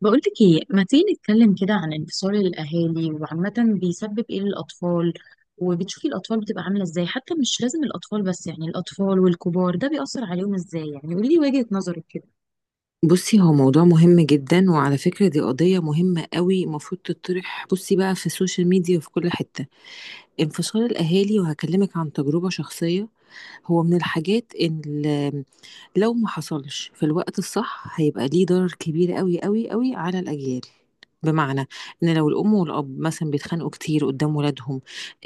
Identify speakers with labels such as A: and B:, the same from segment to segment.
A: بقولك ايه، ما تيجي نتكلم كده عن انفصال الاهالي؟ وعامة بيسبب ايه للاطفال؟ وبتشوفي الاطفال بتبقى عاملة ازاي؟ حتى مش لازم الاطفال بس، يعني الاطفال والكبار ده بيأثر عليهم ازاي، يعني قولي لي وجهة نظرك كده.
B: بُصّي، هو موضوع مهم جدًا، وعلى فكرة دي قضية مهمة أوي المفروض تطرح بُصّي بقى في السوشيال ميديا وفي كل حتة. انفصال الأهالي وهاكلمِك عن تجربة شخصية، هو من الحاجات لو ما حصلش في الوقت الصح هيبقى ليه ضرر كبير أوي، أوي، أوي على الأجيال. بمعنى إن لو الأم والأب مثلًا بيتخانقوا كتير قدّام ولادهم،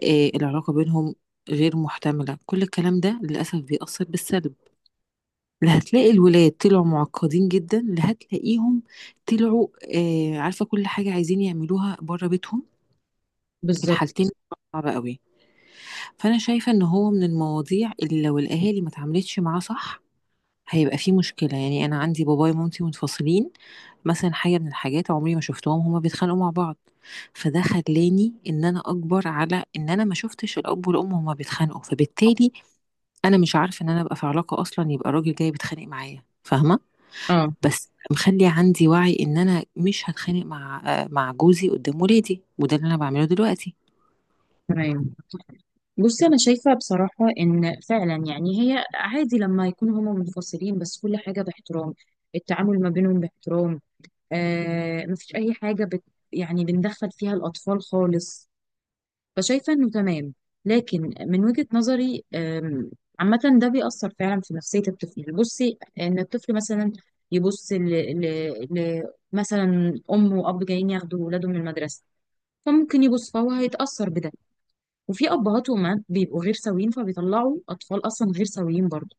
B: العلاقة بينهم غير مُحتملة، كل الكلام ده للأسف بيأثّر بالسلب. لا هتلاقي الولاد طلعوا معقدين جدا، لا هتلاقيهم طلعوا عارفه كل حاجه عايزين يعملوها بره بيتهم. في
A: بالظبط.
B: الحالتين صعبه قوي. فانا شايفه ان هو من المواضيع اللي لو الاهالي ما اتعاملتش معاه صح هيبقى فيه مشكله. يعني انا عندي بابايا ومامتي منفصلين، مثلا حاجه من الحاجات عمري ما شفتهم هما بيتخانقوا مع بعض، فده خلاني ان انا اكبر على ان انا ما شفتش الاب والام هما بيتخانقوا، فبالتالي انا مش عارفه ان انا ابقى في علاقه اصلا يبقى راجل جاي بيتخانق معايا، فاهمه؟
A: اه.
B: بس مخلي عندي وعي ان انا مش هتخانق مع جوزي قدام ولادي، وده اللي انا بعمله دلوقتي.
A: تمام. بصي، انا شايفة بصراحة ان فعلا يعني هي عادي لما يكونوا هما منفصلين، بس كل حاجة باحترام. التعامل ما بينهم باحترام، آه، مفيش اي حاجة بت، يعني بندخل فيها الاطفال خالص، فشايفة انه تمام. لكن من وجهة نظري عامة ده بيأثر فعلا في نفسية الطفل. بصي، ان الطفل مثلا يبص ل... ل... مثلا ام واب جايين ياخدوا ولاده من المدرسة، فممكن يبص فهو هيتأثر بده. وفي ابهات وامهات بيبقوا غير سويين، فبيطلعوا اطفال اصلا غير سويين برضه.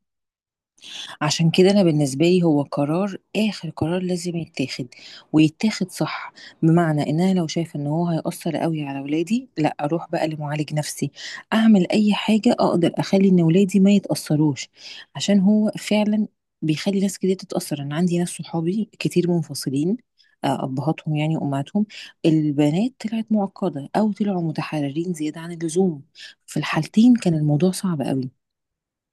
B: عشان كده انا بالنسبه لي هو قرار اخر قرار لازم يتاخد، ويتاخد صح. بمعنى ان انا لو شايفه ان هو هيأثر قوي على ولادي، لا اروح بقى لمعالج نفسي، اعمل اي حاجه اقدر اخلي ان ولادي ما يتأثروش، عشان هو فعلا بيخلي ناس كتير تتأثر. انا عندي ناس صحابي كتير منفصلين ابهاتهم يعني وامهاتهم، البنات طلعت معقده او طلعوا متحررين زياده عن اللزوم. في الحالتين كان الموضوع صعب قوي.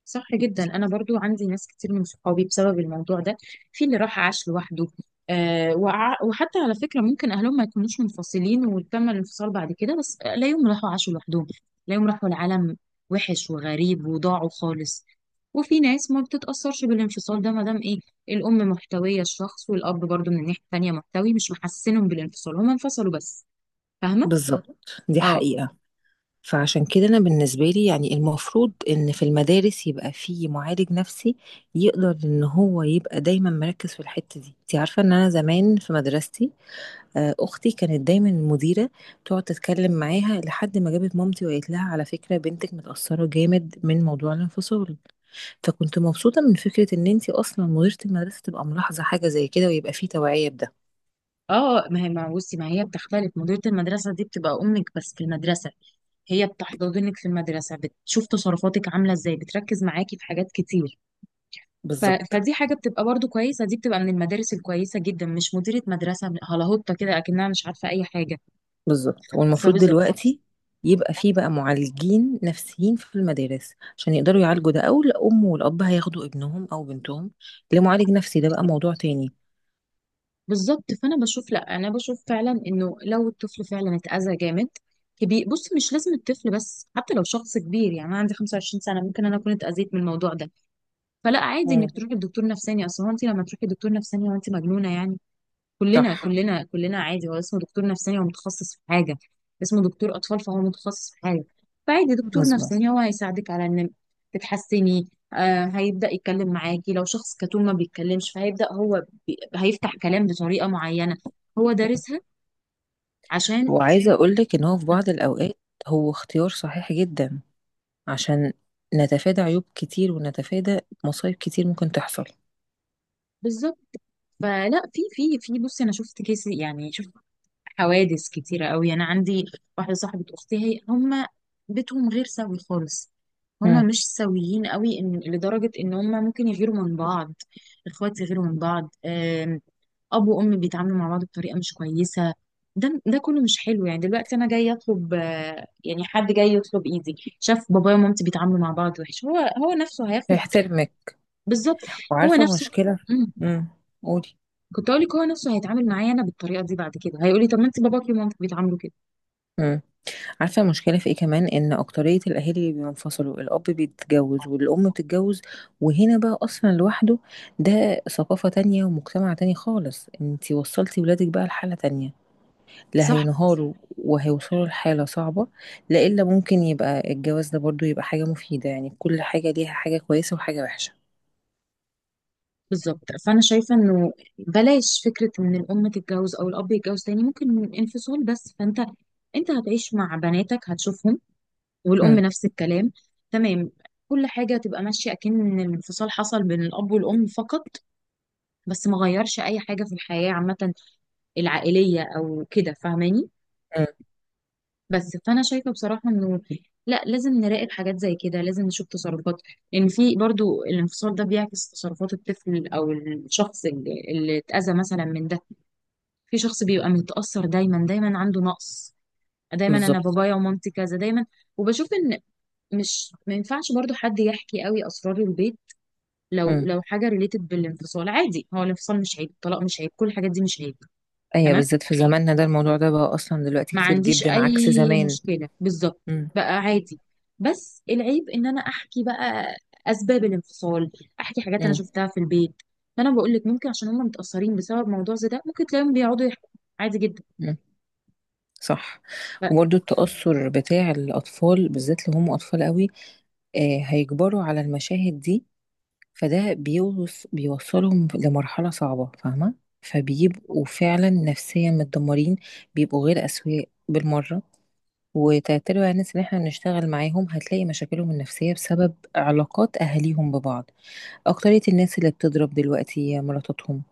A: صح جدا، انا برضو عندي ناس كتير من صحابي بسبب الموضوع ده. في اللي راح عاش لوحده، آه، وحتى على فكره ممكن اهلهم ما يكونوش منفصلين وتم الانفصال بعد كده، بس لا، يوم راحوا عاشوا لوحدهم، لا، يوم راحوا العالم وحش وغريب وضاعوا خالص. وفي ناس ما بتتاثرش بالانفصال ده، ما دام ايه، الام محتويه الشخص والاب برضو من الناحيه التانيه محتوي، مش محسنهم بالانفصال، هما انفصلوا بس. فاهمه.
B: بالظبط، دي
A: اه.
B: حقيقة. فعشان كده أنا بالنسبة لي يعني المفروض إن في المدارس يبقى في معالج نفسي يقدر إن هو يبقى دايما مركز في الحتة دي. أنت عارفة إن أنا زمان في مدرستي أختي كانت دايما المديرة تقعد تتكلم معاها لحد ما جابت مامتي وقالت لها على فكرة بنتك متأثرة جامد من موضوع الانفصال. فكنت مبسوطة من فكرة إن أنت أصلا مديرة المدرسة تبقى ملاحظة حاجة زي كده ويبقى في توعية بده.
A: ما هي بتختلف، مديرة المدرسة دي بتبقى أمك بس في المدرسة. هي بتحضنك في المدرسة، بتشوف تصرفاتك عاملة ازاي، بتركز معاكي في حاجات كتير. ف...
B: بالظبط.
A: فدي حاجة بتبقى برضو كويسة، دي بتبقى من المدارس الكويسة جدا، مش مديرة مدرسة هلاهوطة كده أكنها مش عارفة أي حاجة.
B: بالظبط، والمفروض
A: فبالظبط
B: دلوقتي يبقى فيه بقى معالجين نفسيين في المدارس عشان يقدروا يعالجوا ده، او الام والاب هياخدوا ابنهم او بنتهم لمعالج نفسي، ده بقى موضوع تاني.
A: بالظبط فأنا بشوف، لأ، أنا بشوف فعلا إنه لو الطفل فعلا اتأذى جامد، كبير، بص، مش لازم الطفل بس، حتى لو شخص كبير. يعني أنا عندي 25 سنة ممكن أنا أكون اتأذيت من الموضوع ده، فلا، عادي إنك
B: مم.
A: تروحي لدكتور نفساني. أصل هو أنت لما تروحي لدكتور نفساني، هو أنت مجنونة يعني؟ كلنا،
B: صح.
A: كلنا، كلنا عادي. هو اسمه دكتور نفساني، هو متخصص في حاجة، اسمه دكتور أطفال، فهو متخصص في حاجة. فعادي، دكتور
B: مظبوط.
A: نفساني هو هيساعدك على إن تتحسني. آه، هيبدأ يتكلم معاكي لو شخص كتوم ما بيتكلمش، فهيبدأ هو هيفتح كلام بطريقة معينة، هو
B: مم.
A: دارسها عشان.
B: وعايزة أقولك إن هو في بعض
A: آه،
B: الأوقات هو اختيار صحيح جدا، عشان نتفادى عيوب كتير ونتفادى مصايب كتير ممكن تحصل.
A: بالظبط. فلا، في بصي، أنا شفت كيس، يعني شفت حوادث كتيرة قوي. أنا عندي واحدة صاحبة أختي، هما بيتهم غير سوي خالص، هما
B: مم.
A: مش سويين قوي، إن لدرجة إن هما ممكن يغيروا من بعض، الإخوات يغيروا من بعض. أب وأم بيتعاملوا مع بعض بطريقة مش كويسة، ده كله مش حلو. يعني دلوقتي أنا جاي أطلب، يعني حد جاي يطلب إيدي، شاف بابايا ومامتي بيتعاملوا مع بعض وحش، هو نفسه هياخد.
B: فيحترمك.
A: بالظبط. هو
B: وعارفة
A: نفسه.
B: مشكلة.
A: مم.
B: مم. قولي.
A: كنت أقول لك، هو نفسه هيتعامل معايا أنا بالطريقة دي. بعد كده هيقول لي طب ما أنت باباكي ومامتك بيتعاملوا كده.
B: مم. عارفة المشكلة في ايه كمان؟ ان اكترية الاهالي بينفصلوا، الاب بيتجوز والام بتتجوز، وهنا بقى اصلا لوحده ده ثقافة تانية ومجتمع تاني خالص. انتي وصلتي ولادك بقى لحالة تانية، لا
A: صح.
B: هينهاروا وهيوصلوا لحالة صعبة. لا الا ممكن يبقى الجواز ده برضو يبقى حاجة مفيدة، يعني كل حاجة ليها حاجة كويسة وحاجة وحشة.
A: بالظبط. فانا شايفه انه بلاش فكره ان الام تتجوز او الاب يتجوز تاني، ممكن انفصال بس، فانت انت هتعيش مع بناتك هتشوفهم، والام
B: مم.
A: نفس الكلام. تمام. كل حاجه تبقى ماشيه اكن الانفصال حصل بين الاب والام فقط، بس ما غيرش اي حاجه في الحياه عامه العائليه او كده. فاهماني؟
B: مم.
A: بس فانا شايفه بصراحه انه لا، لازم نراقب حاجات زي كده، لازم نشوف تصرفات، ان في برضو الانفصال ده بيعكس تصرفات الطفل او الشخص اللي اتأذى مثلا من. في شخص بيبقى متأثر دايما، دايما عنده نقص، دايما انا
B: بالظبط.
A: بابايا ومامتي كذا دايما. وبشوف ان مش، ما ينفعش برضو حد يحكي قوي اسرار البيت. لو
B: مم.
A: لو حاجه ريليتد بالانفصال، عادي، هو الانفصال مش عيب، الطلاق مش عيب، كل الحاجات دي مش عيب.
B: ايوه،
A: تمام.
B: بالذات في زماننا ده الموضوع ده بقى اصلا دلوقتي
A: ما
B: كتير
A: عنديش
B: جدا عكس
A: اي
B: زمان.
A: مشكله، بالظبط،
B: مم.
A: بقى عادي. بس العيب ان انا احكي بقى اسباب الانفصال، احكي حاجات انا
B: مم.
A: شفتها في البيت. فانا بقول لك ممكن عشان هم متاثرين بسبب موضوع زي ده، ممكن تلاقيهم بيقعدوا يحكوا عادي جدا.
B: مم. صح.
A: لا.
B: وبرضه التأثر بتاع الأطفال بالذات لو هم أطفال قوي هيكبروا على المشاهد دي، فده بيوصلهم لمرحلة صعبة، فاهمة؟ فبيبقوا فعلا نفسيا متدمرين، بيبقوا غير أسوياء بالمرة. وتعتبر على الناس اللي احنا بنشتغل معاهم هتلاقي مشاكلهم النفسية بسبب علاقات أهاليهم ببعض. أكترية الناس اللي بتضرب دلوقتي مراتاتهم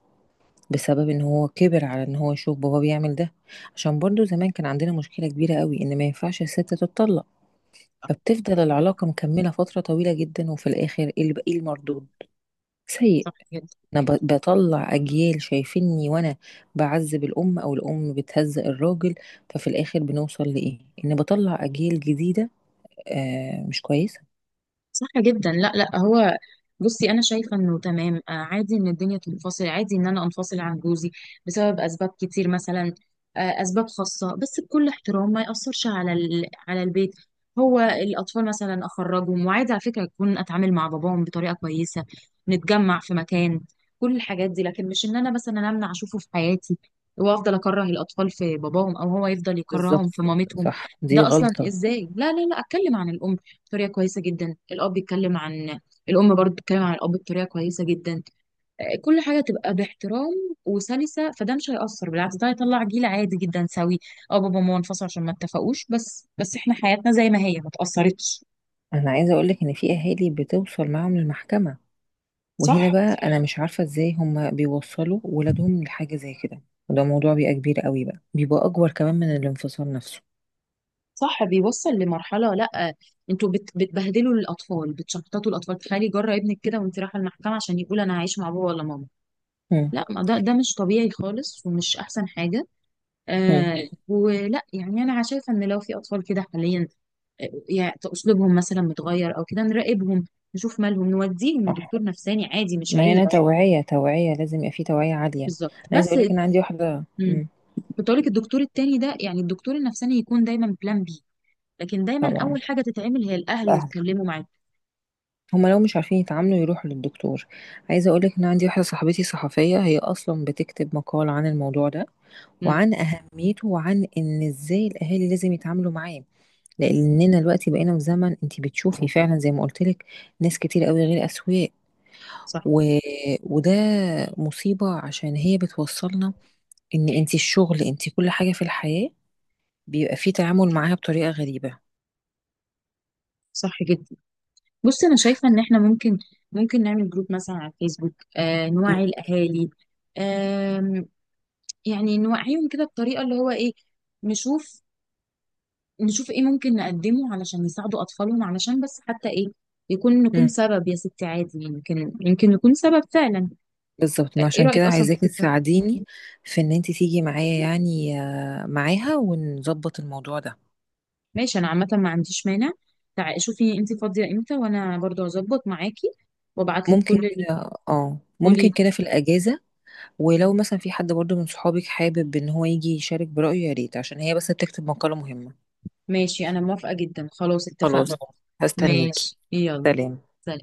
B: بسبب إن هو كِبِر على إن هو يشوف باباه بيعمل ده، عشان برضه زمان كان عندنا مشكلة كبيرة أوي إن ما ينفعش السِت تتطلّق، فبتفضل العلاقة مكمّلة فترة طويلة جدًا، وفي الآخر إيه الب إيه المردود؟ سيء.
A: صح كده.
B: أنا باطلّع أجيال شايفينّي وأنا باعذّب الأم أو الأم بتهزّق الراجل، ففي الآخر بنوصل لإيه؟ إن باطلّع أجيال جديدة مش كويسة.
A: صح جدا. لا لا، هو بصي انا شايفه انه تمام. عادي ان الدنيا تنفصل، عادي ان انا انفصل عن جوزي بسبب اسباب كتير، مثلا اسباب خاصه، بس بكل احترام، ما ياثرش على على البيت. هو الاطفال مثلا اخرجهم، وعادي على فكره اكون اتعامل مع باباهم بطريقه كويسه، نتجمع في مكان، كل الحاجات دي. لكن مش ان انا مثلا امنع اشوفه في حياتي، وافضل اكره الاطفال في باباهم، او هو يفضل يكرههم
B: بالضبط،
A: في مامتهم.
B: صح، دي
A: ده اصلا
B: غلطة.
A: ازاي؟ لا لا لا، اتكلم عن الام بطريقه كويسه جدا، الاب بيتكلم عن الام، برضو بتتكلم عن الاب بطريقه كويسه جدا، كل حاجه تبقى باحترام وسلسه. فده مش هيأثر، بالعكس، ده هيطلع جيل عادي جدا سوي. اه، بابا وماما انفصلوا عشان ما اتفقوش، بس بس احنا حياتنا زي ما هي، ما اتأثرتش.
B: أنا عايزة أقول لك إن في أهالي بتوصل معاهم للمحكمة. وهنا
A: صح.
B: بقى انا مش عارفه ازاي هم بيوصلوا ولادهم لحاجه زي كده، وده موضوع بيبقى كبير قوي بقى، بيبقى اكبر كمان من الانفصال نفسه.
A: صح، بيوصل لمرحله، لا، انتوا بت بتبهدلوا الاطفال، بتشحططوا الاطفال. تخيلي جرى ابنك كده وانت رايحه المحكمه عشان يقول انا هعيش مع بابا ولا ماما!
B: مم.
A: لا، ما ده مش طبيعي خالص ومش احسن حاجه.
B: مم.
A: آه، ولا يعني انا شايفه ان لو في اطفال كده حاليا، يعني اسلوبهم مثلا متغير او كده، نراقبهم، نشوف مالهم، نوديهم
B: صح.
A: لدكتور نفساني، عادي، مش
B: ما
A: عيب
B: هنا
A: يعني.
B: توعيه لازم يبقى في توعيه عاليه. انا
A: بالظبط
B: عايزه
A: بس.
B: اقول لك ان عندي واحده.
A: مم.
B: مم.
A: كنت اقول لك الدكتور التاني ده، يعني الدكتور النفساني، يكون دايما بلان بي، لكن دايما
B: طبعا.
A: اول حاجه تتعمل هي الاهل اللي
B: الاهل
A: يتكلموا معاك.
B: هم لو مش عارفين يتعاملوا يروحوا للدكتور. عايزه اقول لك ان عندي واحده صاحبتي صحفيه هي اصلا بتكتب مقال عن الموضوع ده،
A: مم.
B: وعن اهميته، وعن ان ازاي الاهالي لازم يتعاملوا معاه، لاننا دلوقتي بقينا في زمن انت بتشوفي فعلا زي ما قلت لك ناس كتير قوي غير اسوياء.
A: صح.
B: و... وده مصيبة، عشان هي بتوصلنا ان انت الشغل انت كل حاجة في الحياة بيبقى فيه تعامل معاها بطريقة غريبة.
A: صح جدا. بص انا شايفه ان احنا ممكن نعمل جروب مثلا على الفيسبوك، آه، نوعي
B: مم.
A: الاهالي. آم، يعني نوعيهم كده بطريقه اللي هو ايه، نشوف نشوف ايه ممكن نقدمه علشان يساعدوا اطفالهم، علشان بس حتى ايه، يكون نكون
B: امم
A: سبب يا ستي، عادي، يمكن نكون سبب فعلا.
B: بالظبط، ما
A: ايه
B: عشان
A: رأيك
B: كده
A: اصلا في
B: عايزاكي
A: الفكرة؟
B: تساعديني في ان انت تيجي معايا، يعني معاها ونظبط الموضوع ده.
A: ماشي، انا عامة ما عنديش مانع. تعالي شوفي انت فاضية امتى وانا برضو هظبط معاكي، وابعت لك كل
B: ممكن
A: اللي،
B: كده اه
A: قولي.
B: ممكن كده في الاجازه. ولو مثلا في حد برضو من صحابك حابب ان هو يجي يشارك برايه يا ريت، عشان هي بس بتكتب مقاله مهمه.
A: ماشي، انا موافقة جدا، خلاص اتفقنا.
B: خلاص، هستنيكي.
A: ماشي، يلا.
B: سلام.
A: سلام.